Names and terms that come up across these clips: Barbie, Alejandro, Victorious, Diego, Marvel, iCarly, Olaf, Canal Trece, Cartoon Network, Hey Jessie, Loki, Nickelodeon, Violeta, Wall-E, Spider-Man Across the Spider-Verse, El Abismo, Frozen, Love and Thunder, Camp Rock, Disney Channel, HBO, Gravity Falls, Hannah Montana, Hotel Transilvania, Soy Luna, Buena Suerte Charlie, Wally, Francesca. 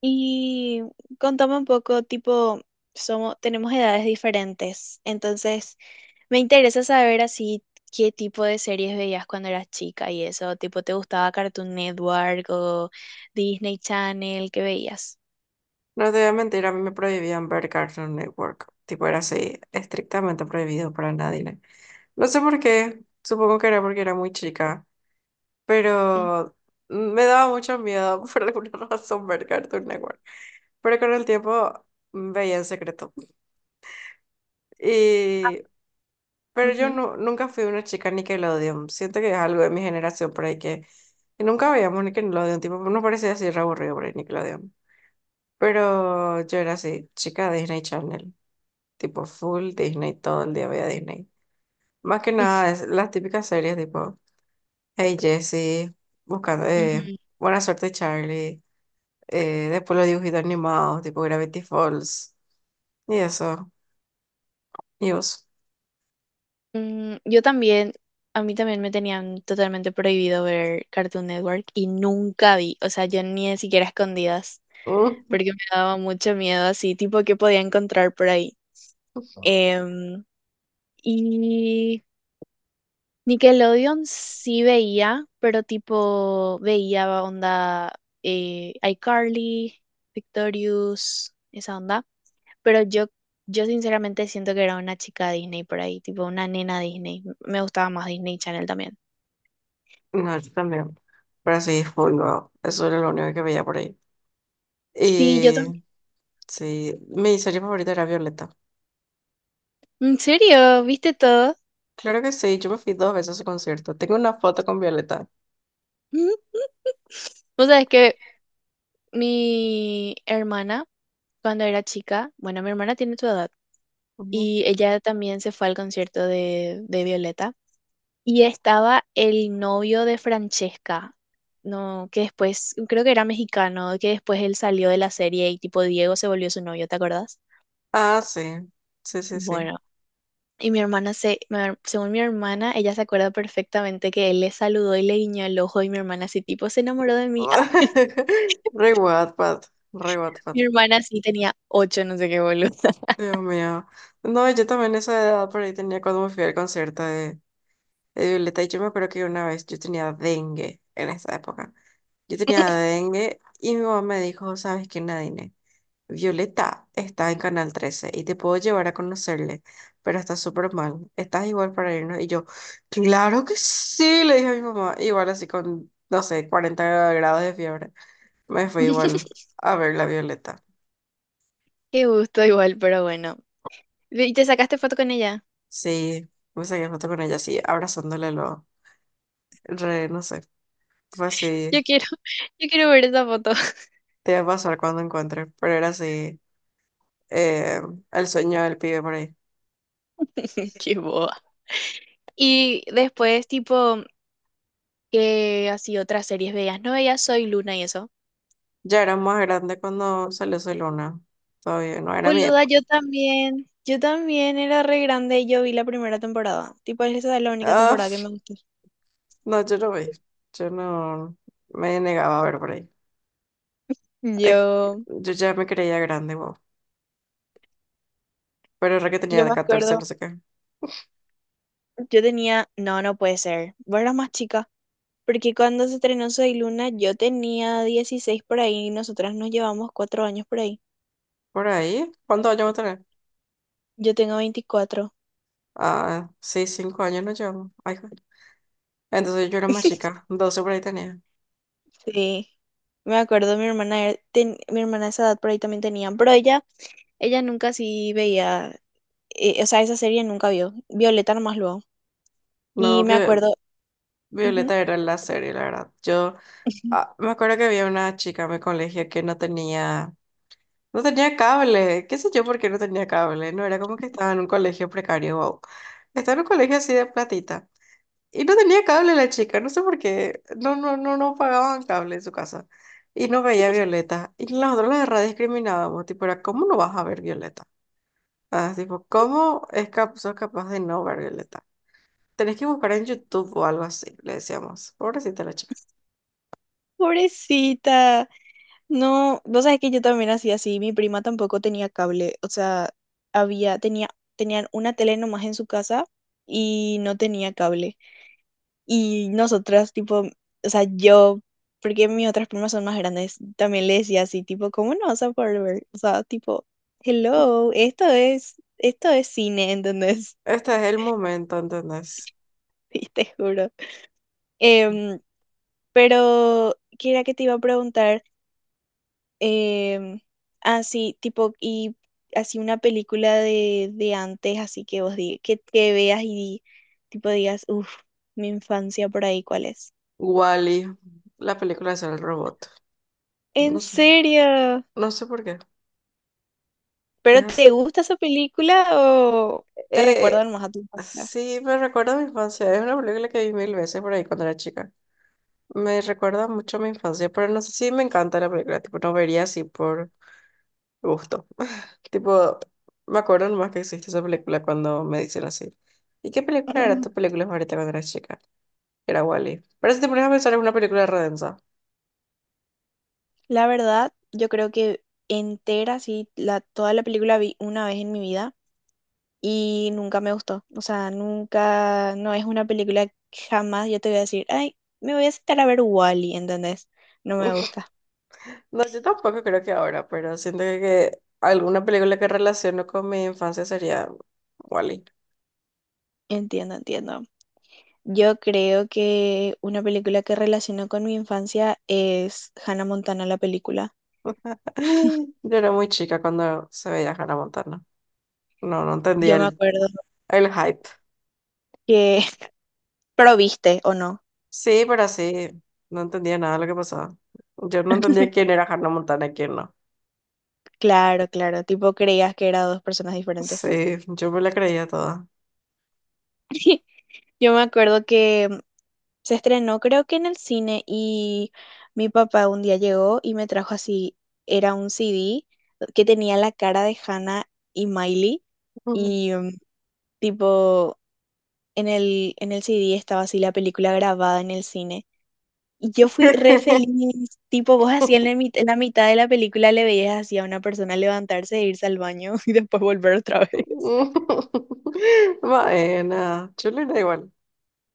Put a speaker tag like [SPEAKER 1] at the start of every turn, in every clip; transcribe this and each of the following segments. [SPEAKER 1] Y contame un poco, tipo, somos, tenemos edades diferentes, entonces me interesa saber así qué tipo de series veías cuando eras chica y eso, tipo, ¿te gustaba Cartoon Network o Disney Channel? ¿Qué veías?
[SPEAKER 2] No te voy a mentir, a mí me prohibían ver Cartoon Network. Tipo, era así, estrictamente prohibido para nadie. No sé por qué, supongo que era porque era muy chica,
[SPEAKER 1] Mm,
[SPEAKER 2] pero me daba mucho miedo por alguna razón ver Cartoon Network. Pero con el tiempo veía en secreto. Y... Pero yo
[SPEAKER 1] ujú,
[SPEAKER 2] nunca fui una chica Nickelodeon. Siento que es algo de mi generación por ahí que nunca veíamos Nickelodeon. Tipo, nos parecía así re aburrido por ahí Nickelodeon. Pero yo era así, chica Disney Channel. Tipo full Disney, todo el día veía Disney. Más que nada, es las típicas series tipo Hey Jessie, buscando,
[SPEAKER 1] ujú.
[SPEAKER 2] Buena Suerte Charlie, después los dibujitos animados, tipo Gravity Falls, y eso, y vos.
[SPEAKER 1] Mm, yo también, a mí también me tenían totalmente prohibido ver Cartoon Network y nunca vi, o sea, yo ni siquiera a escondidas, porque me daba mucho miedo así, tipo, qué podía encontrar por ahí. Em, Y Nickelodeon sí veía, pero tipo veía onda iCarly, Victorious, esa onda. Pero yo sinceramente siento que era una chica Disney por ahí, tipo una nena Disney. Me gustaba más Disney Channel también.
[SPEAKER 2] Mm, no, yo también. Pero sí, full, wow. Eso era lo único que veía por ahí.
[SPEAKER 1] Sí, yo
[SPEAKER 2] Y
[SPEAKER 1] también.
[SPEAKER 2] sí, mi serie favorita era Violeta.
[SPEAKER 1] ¿En serio? ¿Viste todo?
[SPEAKER 2] Claro que sí, yo me fui dos veces a su concierto. Tengo una foto con Violeta.
[SPEAKER 1] O sea, es que mi hermana, cuando era chica, bueno, mi hermana tiene tu edad,
[SPEAKER 2] Ujú.
[SPEAKER 1] y ella también se fue al concierto de Violeta. Y estaba el novio de Francesca, no, que después, creo que era mexicano, que después él salió de la serie y tipo Diego se volvió su novio, ¿te acordás?
[SPEAKER 2] Ah, sí, sí, sí, sí.
[SPEAKER 1] Bueno, y mi hermana según mi hermana, ella se acuerda perfectamente que él le saludó y le guiñó el ojo y mi hermana así tipo se enamoró de mí. Ah,
[SPEAKER 2] Re Wattpad, re Wattpad.
[SPEAKER 1] mi hermana sí tenía 8, no sé qué boludo.
[SPEAKER 2] Dios mío. No, yo también esa edad por ahí tenía cuando me fui al concierto de Violeta y yo me acuerdo que una vez yo tenía dengue en esa época. Yo tenía dengue y mi mamá me dijo, ¿sabes qué, Nadine? Violeta está en Canal Trece y te puedo llevar a conocerle, pero está súper mal. ¿Estás igual para irnos? Y yo, claro que sí, le dije a mi mamá. Igual así con, no sé, 40 grados de fiebre. Me fui igual a ver la Violeta.
[SPEAKER 1] Qué gusto igual, pero bueno. ¿Y te sacaste foto con ella?
[SPEAKER 2] Sí, puse que foto con ella así, abrazándole lo, re, no sé, fue
[SPEAKER 1] Yo
[SPEAKER 2] así,
[SPEAKER 1] quiero, yo quiero ver esa foto.
[SPEAKER 2] te va a pasar cuando encuentre, pero era así, eh, el sueño del pibe por ahí.
[SPEAKER 1] Qué boba. Y después, tipo, que así otras series veías. No veías Soy Luna y eso.
[SPEAKER 2] Ya era más grande cuando salió su luna, todavía no era mi
[SPEAKER 1] Boluda, yo
[SPEAKER 2] época.
[SPEAKER 1] también. Yo también era re grande y yo vi la primera temporada. Tipo, esa es la única
[SPEAKER 2] Ah,
[SPEAKER 1] temporada que me gustó.
[SPEAKER 2] no, yo no vi, yo no, me negaba a ver por ahí. Es que
[SPEAKER 1] Yo,
[SPEAKER 2] yo ya me creía grande, wow, pero era que
[SPEAKER 1] yo
[SPEAKER 2] tenía
[SPEAKER 1] me
[SPEAKER 2] de 14,
[SPEAKER 1] acuerdo,
[SPEAKER 2] no sé qué.
[SPEAKER 1] yo tenía, no, no puede ser. Vos eras más chica. Porque cuando se estrenó Soy Luna, yo tenía 16 por ahí y nosotras nos llevamos 4 años por ahí.
[SPEAKER 2] Por ahí, ¿cuántos años va a tener?
[SPEAKER 1] Yo tengo 24.
[SPEAKER 2] Ah, sí, 5 años no llevamos, ay, joder. Entonces yo era más chica, 12 por ahí tenía.
[SPEAKER 1] Sí. Me acuerdo, mi hermana, mi hermana a esa edad por ahí también tenía, pero ella nunca sí veía o sea, esa serie nunca vio. Violeta nomás luego. Y
[SPEAKER 2] No,
[SPEAKER 1] me
[SPEAKER 2] vi,
[SPEAKER 1] acuerdo, ujú,
[SPEAKER 2] Violeta era la serie, la verdad. Yo ah, me acuerdo que había una chica en mi colegio que no tenía, no tenía cable. ¿Qué sé yo por qué no tenía cable? No era como que estaba en un colegio precario. Wow. Estaba en un colegio así de platita. Y no tenía cable la chica, no sé por qué. No, no, no, no pagaban cable en su casa. Y no veía a Violeta. Y nosotros la verdad discriminábamos. Tipo, era, ¿cómo no vas a ver Violeta? Ah, tipo, ¿cómo sos capaz de no ver Violeta? Tenés que buscar en YouTube o algo así, le decíamos. Pobrecita la chica.
[SPEAKER 1] pobrecita. No, vos sabés que yo también hacía así. Mi prima tampoco tenía cable. O sea, había, tenía, tenían una tele nomás en su casa y no tenía cable. Y nosotras, tipo, o sea, yo, porque mis otras primas son más grandes, también le decía así, tipo, ¿cómo no vas a poder ver? O sea, tipo, hello, esto es cine, ¿entendés?
[SPEAKER 2] Este es el momento, ¿entendés?
[SPEAKER 1] Y te juro. Em, Pero, ¿qué era que te iba a preguntar? Em, Así, tipo, y así una película de antes, así que vos digas, que veas y tipo digas, uff, mi infancia por ahí, ¿cuál es?
[SPEAKER 2] Wally, la película es el robot.
[SPEAKER 1] ¿En
[SPEAKER 2] No sé,
[SPEAKER 1] serio?
[SPEAKER 2] no sé por qué.
[SPEAKER 1] ¿Pero
[SPEAKER 2] Es así.
[SPEAKER 1] te gusta esa película o te recuerdan
[SPEAKER 2] Eh,
[SPEAKER 1] más a tu infancia?
[SPEAKER 2] sí, me recuerda a mi infancia. Es una película que vi mil veces por ahí cuando era chica. Me recuerda mucho a mi infancia, pero no sé si me encanta la película. Tipo, no vería así por gusto. Tipo, me acuerdo nomás que existe esa película cuando me dicen así. ¿Y qué película era tu película favorita cuando eras chica? Era Wally. Pero si te pones a pensar, es una película redensa.
[SPEAKER 1] La verdad, yo creo que entera, sí, toda la película vi una vez en mi vida. Y nunca me gustó. O sea, nunca, no es una película que jamás yo te voy a decir, ay, me voy a sentar a ver Wall-E, ¿entendés? No me gusta.
[SPEAKER 2] No, yo tampoco creo que ahora, pero siento que alguna película que relaciono con mi infancia sería Wally.
[SPEAKER 1] Entiendo, entiendo. Yo creo que una película que relaciono con mi infancia es Hannah Montana, la película.
[SPEAKER 2] Yo era muy chica cuando se veía Hannah Montana. No, no
[SPEAKER 1] Yo
[SPEAKER 2] entendía
[SPEAKER 1] me acuerdo
[SPEAKER 2] el hype.
[SPEAKER 1] que, pero viste o no.
[SPEAKER 2] Sí, pero sí, no entendía nada de lo que pasaba. Yo no entendía quién era Hannah Montana y quién no.
[SPEAKER 1] Claro, claro, tipo creías que eran dos personas diferentes.
[SPEAKER 2] Sí, yo me la creía toda.
[SPEAKER 1] Yo me acuerdo que se estrenó creo que en el cine y mi papá un día llegó y me trajo así, era un CD que tenía la cara de Hannah y Miley y mm, tipo en el CD estaba así la película grabada en el cine. Y yo fui re feliz, tipo vos así en la mitad de la película le veías así a una persona levantarse e irse al baño y después volver otra vez.
[SPEAKER 2] Bueno, chulo era igual,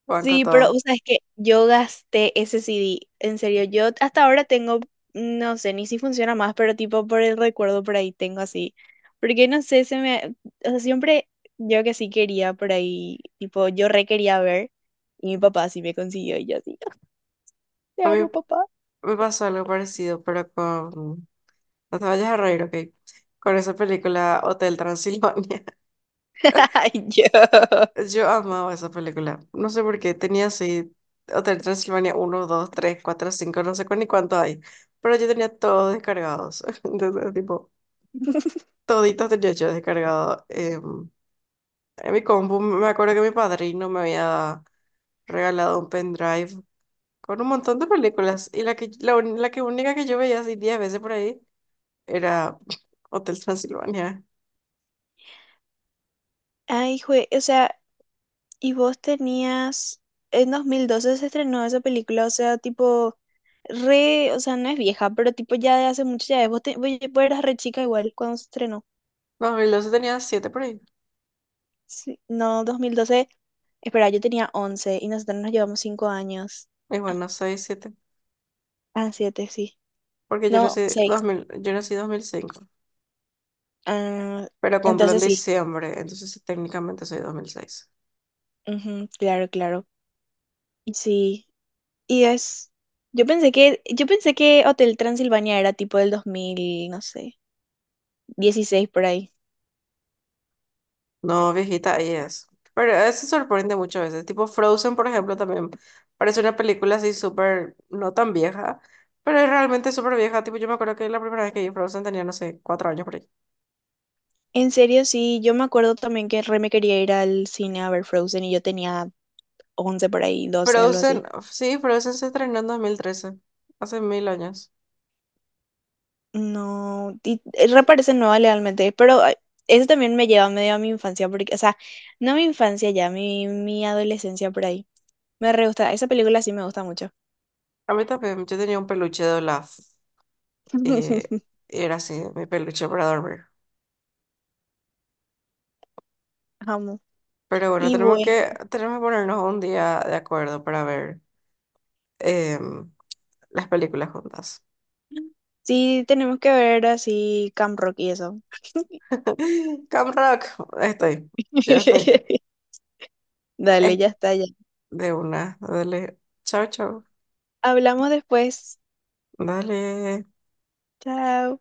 [SPEAKER 2] banco
[SPEAKER 1] Sí, pero
[SPEAKER 2] todo.
[SPEAKER 1] o sea, es que yo gasté ese CD. En serio, yo hasta ahora tengo, no sé ni si funciona más, pero tipo por el recuerdo por ahí tengo así. Porque no sé, se me. O sea, siempre yo que sí quería por ahí, tipo, yo re quería ver. Y mi papá sí me consiguió y yo así, "Ah, te
[SPEAKER 2] A mí
[SPEAKER 1] amo, papá".
[SPEAKER 2] me pasó algo parecido, pero con, no te vayas a reír, ok. Con esa película Hotel Transilvania.
[SPEAKER 1] Ay, yo.
[SPEAKER 2] Yo amaba esa película. No sé por qué. Tenía así Hotel Transilvania uno 2 3 4 5 no sé ni cuánto hay. Pero yo tenía todos descargados. Entonces, tipo, toditos tenía yo descargado. En mi compu me acuerdo que mi padrino me había regalado un pendrive con un montón de películas. Y la que única que yo veía así 10 veces por ahí era Hotel Transilvania.
[SPEAKER 1] Ay, jue, o sea, y vos tenías, en 2012 se estrenó esa película, o sea, tipo, re, o sea, no es vieja, pero tipo ya de hace mucho ya es. Vos, te- vos vos eras re chica igual cuando se estrenó.
[SPEAKER 2] No, y luego tenía 7 por ahí.
[SPEAKER 1] Sí, no, 2012, espera, yo tenía 11 y nosotros nos llevamos 5 años.
[SPEAKER 2] Igual no soy 7,
[SPEAKER 1] Ah, 7 sí.
[SPEAKER 2] porque
[SPEAKER 1] No, 6.
[SPEAKER 2] yo nací 2005,
[SPEAKER 1] Ah,
[SPEAKER 2] pero cumplo en
[SPEAKER 1] entonces sí,
[SPEAKER 2] diciembre, entonces sí, técnicamente soy 2006.
[SPEAKER 1] ujú, claro, claro. Sí, y es, yo pensé que Hotel Transilvania era tipo del 2000 no sé, 16 por ahí.
[SPEAKER 2] No, viejita, ahí es. Pero eso sorprende muchas veces. Tipo Frozen, por ejemplo, también parece una película así súper, no tan vieja, pero es realmente súper vieja. Tipo, yo me acuerdo que la primera vez que vi Frozen tenía, no sé, 4 años por ahí.
[SPEAKER 1] En serio, sí, yo me acuerdo también que re me quería ir al cine a ver Frozen y yo tenía 11 por ahí, 12 algo así.
[SPEAKER 2] Frozen, sí, Frozen se estrenó en 2013, hace mil años.
[SPEAKER 1] No, y reparece nueva legalmente, pero ay, eso también me lleva medio a mi infancia, porque, o sea, no mi infancia ya, mi adolescencia por ahí. Me re gusta, esa película sí me gusta mucho.
[SPEAKER 2] A mí también, yo tenía un peluche de Olaf. eh, Era así, mi peluche para dormir.
[SPEAKER 1] Amo.
[SPEAKER 2] Pero bueno,
[SPEAKER 1] Y bueno,
[SPEAKER 2] tenemos que ponernos un día de acuerdo para ver em, las películas juntas.
[SPEAKER 1] sí, tenemos que ver así Camp Rock y eso.
[SPEAKER 2] Cam Rock, estoy, ya estoy.
[SPEAKER 1] Dale,
[SPEAKER 2] Eh,
[SPEAKER 1] ya está, ya.
[SPEAKER 2] de una, dale. Chao, chao.
[SPEAKER 1] Hablamos después.
[SPEAKER 2] Dale.
[SPEAKER 1] Chao.